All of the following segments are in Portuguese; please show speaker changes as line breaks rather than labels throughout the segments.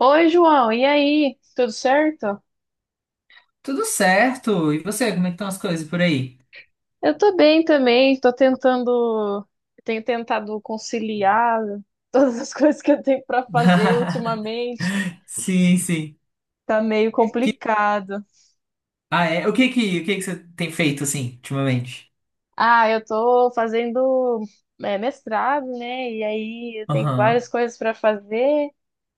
Oi, João, e aí? Tudo certo?
Tudo certo. E você, como é que estão as coisas por aí?
Eu tô bem também, tenho tentado conciliar todas as coisas que eu tenho pra fazer ultimamente.
Sim, sim.
Tá meio complicado.
Ah, é. O que que você tem feito assim, ultimamente?
Eu tô fazendo mestrado, né? E aí eu tenho várias
Aham.
coisas para fazer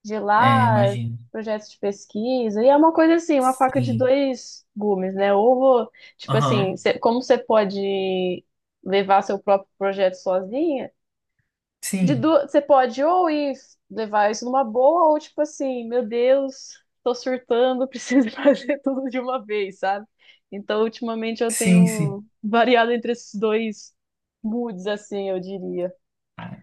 de
É,
lá,
imagino.
projetos de pesquisa. E é uma coisa assim, uma faca de
Sim.
dois gumes, né? Ou vou, tipo assim,
Aham.
cê- Como você pode levar seu próprio projeto sozinha,
Sim.
Você pode ou ir levar isso numa boa, ou tipo assim, meu Deus, tô surtando, preciso fazer tudo de uma vez, sabe? Então, ultimamente eu
Sim, sim.
tenho variado entre esses dois moods, assim, eu diria.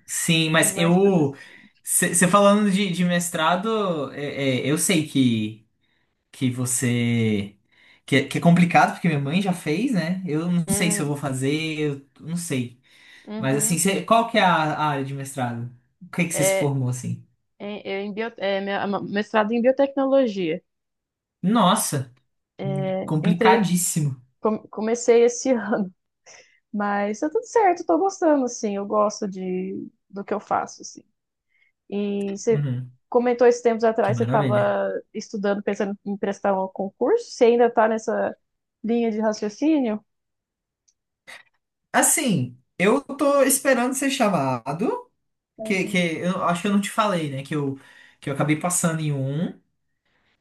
Sim, mas
Mas tudo
eu.
certo.
Você falando de mestrado, eu sei que você. Que é complicado, porque minha mãe já fez, né? Eu não sei se eu
Hum,
vou fazer, eu não sei. Mas assim,
uhum.
qual que é a área de mestrado? O que é que você se
É,
formou assim?
em- eu em bio- é, minha- ma- Mestrado em biotecnologia.
Nossa,
Entrei,
complicadíssimo.
Comecei esse ano, mas tá tudo certo, tô gostando, assim, eu gosto de, do que eu faço, assim. E você
Uhum,
comentou esses tempos
que
atrás, você
maravilha.
estava estudando, pensando em prestar um concurso? Você ainda está nessa linha de raciocínio?
Assim, eu tô esperando ser chamado, que
Uhum.
eu acho que eu não te falei, né? Que eu acabei passando em um.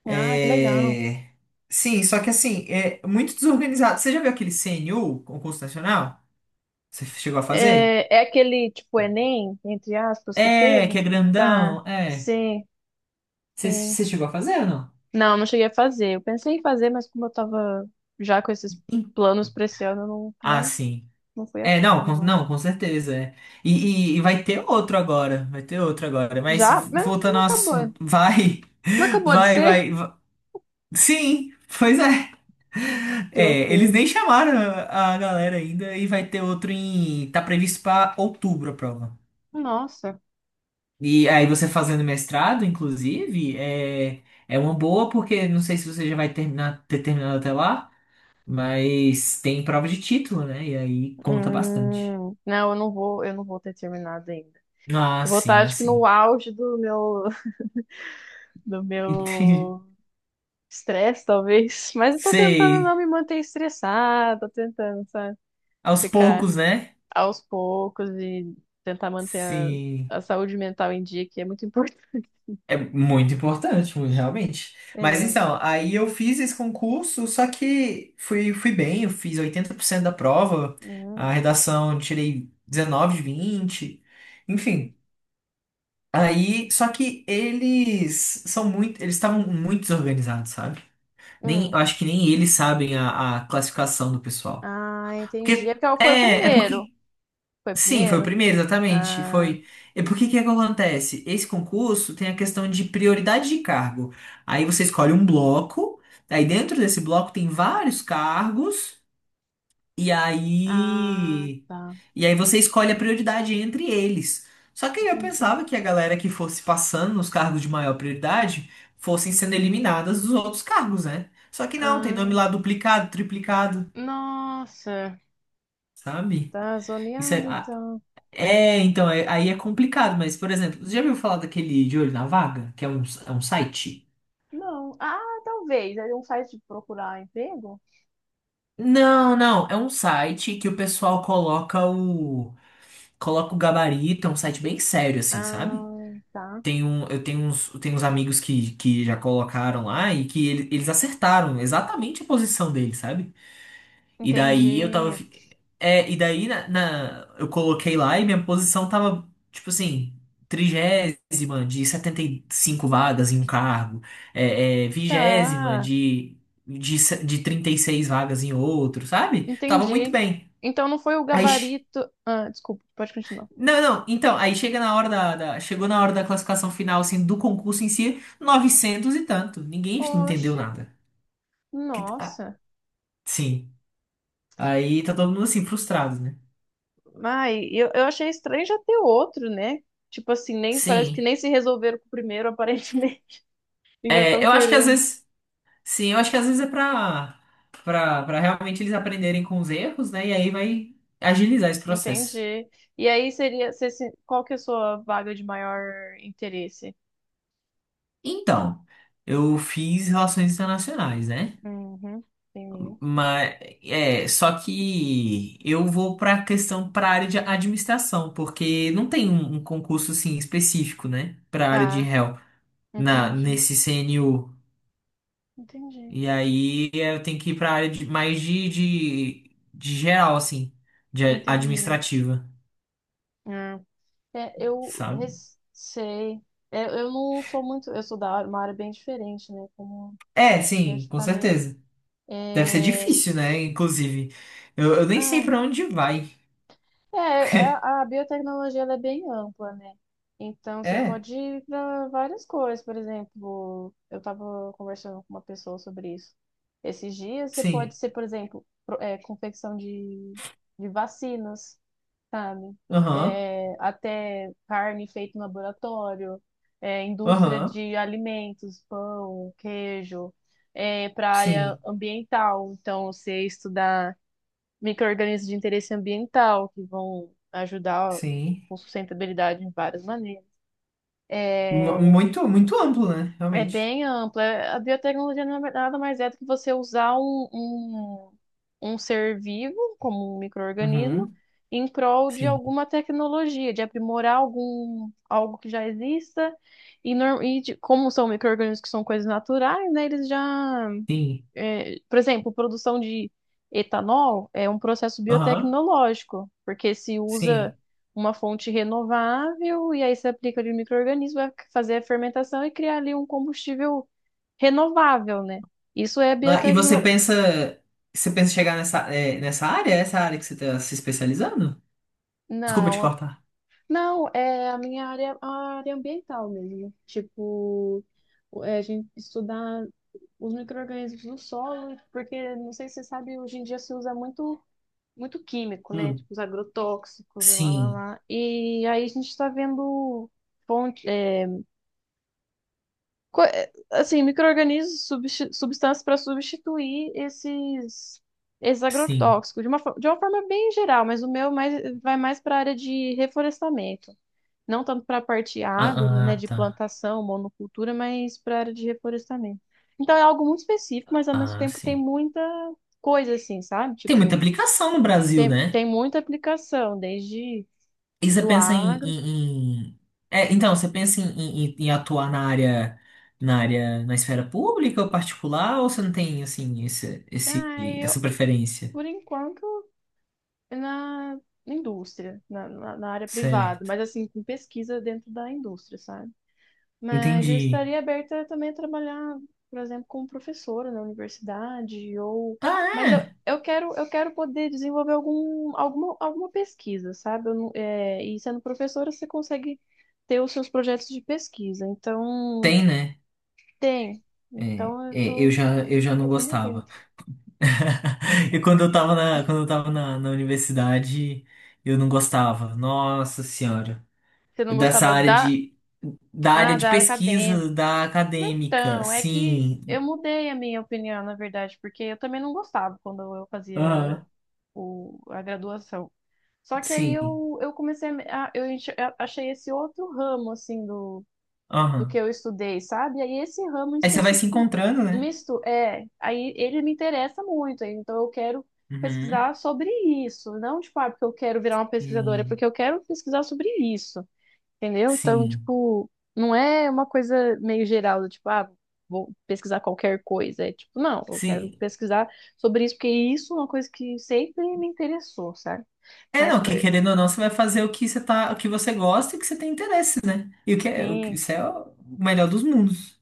Ah, que legal.
É... Sim, só que assim, é muito desorganizado. Você já viu aquele CNU, concurso nacional? Você chegou a fazer?
É, é aquele tipo Enem, entre aspas, que
É,
teve?
que é
Tá,
grandão, é.
sim,
Você
sim.
você chegou a fazer ou não?
Não, não cheguei a fazer. Eu pensei em fazer, mas como eu tava já com esses
Sim.
planos pra esse ano, eu não,
Ah,
nem
sim.
não fui a
É, não,
fundo,
com,
não.
não, com certeza. É. E vai ter outro agora, vai ter outro agora. Mas
Já? Mas não
voltando ao
acabou.
assunto, vai,
Não acabou de
vai,
ser?
vai, va- Sim, pois é.
Que
É, eles
loucura.
nem chamaram a galera ainda e vai ter outro em. Tá previsto pra outubro a prova.
Nossa.
E aí você fazendo mestrado, inclusive, é uma boa porque não sei se você já vai terminar, ter terminado até lá, mas tem prova de título, né? E aí conta bastante.
Não, eu não vou ter terminado ainda.
Ah,
Eu vou estar,
sim,
acho que
assim.
no auge do meu, do
Entendi.
meu estresse, talvez. Mas eu tô tentando
Sei.
não me manter estressada, tô tentando, sabe,
Aos
ficar
poucos, né?
aos poucos e tentar manter
Sim.
a saúde mental em dia, que é muito importante.
É muito importante, muito, realmente. Mas
É,
então, aí eu fiz esse concurso, só que fui bem, eu fiz 80% da prova,
hum,
a redação eu tirei 19 de 20, enfim. Aí, só que eles são muito, eles estavam muito desorganizados, sabe? Nem,
hum.
eu acho que nem eles sabem a classificação do pessoal.
Ah, entendi. É
Porque
porque ela foi o
é
primeiro.
porque.
Foi o
Sim, foi o
primeiro?
primeiro, exatamente.
Ah,
Foi. E por que que é que acontece? Esse concurso tem a questão de prioridade de cargo. Aí você escolhe um bloco, aí dentro desse bloco tem vários cargos, e
ah,
aí.
tá.
E aí você escolhe a prioridade entre eles. Só que eu
Entendi.
pensava que a galera que fosse passando nos cargos de maior prioridade fossem sendo eliminadas dos outros cargos, né? Só que não, tem nome
Ah,
lá duplicado, triplicado,
nossa.
sabe?
Tá
Isso
zoneado,
é.
então.
É, então, aí é complicado, mas, por exemplo, você já viu falar daquele De Olho na Vaga? Que é um site?
Não. Ah, talvez. É um site de procurar emprego?
Não, não, é um site que o pessoal coloca o gabarito, é um site bem sério assim,
Ah,
sabe?
tá.
Tem um, eu tenho uns amigos que já colocaram lá e que eles acertaram exatamente a posição dele, sabe? E daí eu tava.
Entendi.
fi- É, e daí eu coloquei lá e minha posição tava, tipo assim, 30ª de 75 vagas em um cargo, 20ª
Tá.
de, se- de 36 vagas em outro, sabe? Tava muito
Entendi.
bem.
Então não foi o
Aí.
gabarito. Ah, desculpa, pode continuar.
Não, não, então, aí chega na hora Chegou na hora da classificação final, assim, do concurso em si, 900 e tanto. Ninguém entendeu
Oxe.
nada. Ah,
Nossa.
sim. Aí tá todo mundo assim, frustrado, né?
Ai, eu achei estranho já ter outro, né? Tipo assim, nem parece que
Sim.
nem se resolveram com o primeiro, aparentemente. E já
É,
estão
eu acho que às
querendo.
vezes, sim, eu acho que às vezes é pra realmente eles aprenderem com os erros, né? E aí vai agilizar esse processo.
Entendi. E aí seria, qual que é a sua vaga de maior interesse?
Então, eu fiz relações internacionais, né?
Uhum. Entendi.
Mas, só que eu vou pra questão, pra área de administração, porque não tem um concurso, assim, específico, né? Pra área de
Tá,
réu,
entendi,
nesse CNU.
entendi,
E aí eu tenho que ir pra área de, mais de geral, assim, de
entendi.
administrativa.
É,
Sabe?
Sei, É, eu não sou muito, eu sou uma área bem diferente, né? Como
É,
eu
sim,
te
com
falei.
certeza. Deve ser
É,
difícil, né? Inclusive, eu nem sei
ah,
pra onde vai.
é, a biotecnologia ela é bem ampla, né? Então você
É,
pode ir para várias coisas, por exemplo, eu estava conversando com uma pessoa sobre isso. Esses dias você pode
sim.
ser, por exemplo, confecção de vacinas. Sabe?
Aham,
É, até carne feita em laboratório, é, indústria
aham.
de alimentos, pão, queijo, para a área
Sim,
ambiental. Então, você estudar micro-organismos de interesse ambiental, que vão ajudar
sim.
com sustentabilidade em várias maneiras.
Mu-
É,
Muito, muito amplo, né?
é
Realmente.
bem ampla. A biotecnologia não é nada mais é do que você usar um, um ser vivo, como um micro-organismo,
Uhum,
em prol de
sim,
alguma tecnologia, de aprimorar algum, algo que já exista. E, como são micro-organismos que são coisas naturais, né,
sim.
por exemplo, produção de etanol é um processo
Aham,
biotecnológico, porque se usa
sim.
uma fonte renovável e aí se aplica de um micro-organismo, vai fazer a fermentação e criar ali um combustível renovável, né? Isso é
Ah, e você
biotecno...
pensa, você pensa em chegar nessa área? Essa área que você tá se especializando? Desculpa te
Não,
cortar.
não, é a minha área, a área ambiental mesmo. Tipo, é a gente estudar os micro-organismos do solo, porque não sei se você sabe, hoje em dia se usa muito químico, né? Tipo,
Hum.
os agrotóxicos e lá, lá,
Sim,
lá. E aí a gente está vendo fonte, é, co- é, assim, micro-organismos, substâncias para substituir esses, esses
sim.
agrotóxicos, de de uma forma bem geral, mas o meu mais, vai mais para a área de reflorestamento. Não tanto para a parte
Ah,
agro, né,
ah,
de
tá.
plantação, monocultura, mas para a área de reflorestamento. Então é algo muito específico, mas ao mesmo
Ah,
tempo tem
sim.
muita coisa assim, sabe?
Tem muita
Tipo,
aplicação no Brasil,
tem,
né?
tem muita aplicação, desde
E você
do
pensa em,
agro.
em- em- É, então, você pensa em atuar na área, na esfera pública ou particular, ou você não tem, assim,
Ah, eu,
essa preferência?
por enquanto, na indústria, na área privada,
Certo.
mas assim, com pesquisa dentro da indústria, sabe? Mas eu
Entendi.
estaria aberta também a trabalhar, por exemplo, como professora na universidade, ou.
Ah,
Mas
é?
eu quero poder desenvolver alguma pesquisa, sabe? Eu não- é, E sendo professora, você consegue ter os seus projetos de pesquisa. Então,
Tem, né?
tem. Então,
Eu já, eu já não
tô bem
gostava.
aberta.
E quando eu tava na universidade, eu não gostava. Nossa Senhora.
Você não
Dessa
gostava
área
da,
da área
ah,
de
da área acadêmica?
pesquisa, da acadêmica,
Então, é que eu
sim.
mudei a minha opinião, na verdade, porque eu também não gostava quando eu fazia o, a graduação. Só que aí
Sim.
eu comecei a, eu enche- a- achei esse outro ramo, assim, do, do que
Aham.
eu estudei, sabe? Aí esse ramo em
Aí você vai se
específico,
encontrando, né?
misto, é, aí ele me interessa muito, aí então eu quero
Uhum.
pesquisar sobre isso, não, tipo, ah, porque eu quero virar uma pesquisadora, é
E
porque eu quero pesquisar sobre isso. Entendeu? Então,
sim.
tipo, não é uma coisa meio geral, do tipo, ah, vou pesquisar qualquer coisa. É tipo, não, eu quero
Sim.
pesquisar sobre isso, porque isso é uma coisa que sempre me interessou, sabe?
É,
Mas,
não,
pô,
que querendo ou não, você vai fazer o que você tá, o que você gosta e o que você tem interesse, né? E o que é, o que,
sim,
isso é o melhor dos mundos.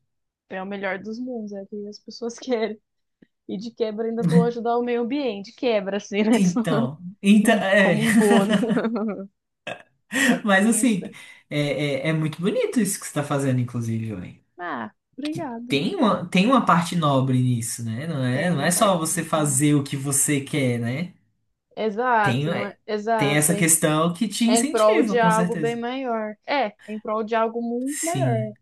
é o melhor dos mundos, é o que as pessoas querem. E de quebra ainda vou
né?
ajudar o meio ambiente, de quebra, assim, né?
Então,
Como um bônus.
mas assim,
Então,
é, é muito bonito isso que você tá fazendo, inclusive, ué.
Ah,
Que
obrigada.
tem uma parte nobre nisso, né? Não é,
Tem
não é
uma
só
parte
você
muito boa.
fazer o que você quer, né? Tem,
Exato, não é?
é, tem
Exato.
essa questão que te
Em prol de
incentiva, com
algo bem
certeza.
maior. É, em prol de algo muito maior.
Sim,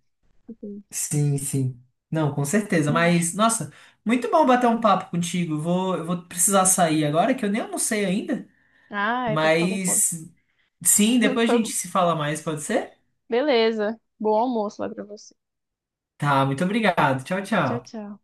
Assim.
sim, sim. Não, com certeza.
Ai,
Mas, nossa, muito bom bater um papo contigo. Eu vou precisar sair agora, que eu nem almocei ainda.
ai, até que tô com fome.
Mas, sim, depois a gente
Foi-
se fala mais, pode ser?
Beleza. Bom almoço lá pra você.
Tá, muito obrigado. Tchau,
Tchau,
tchau.
tchau.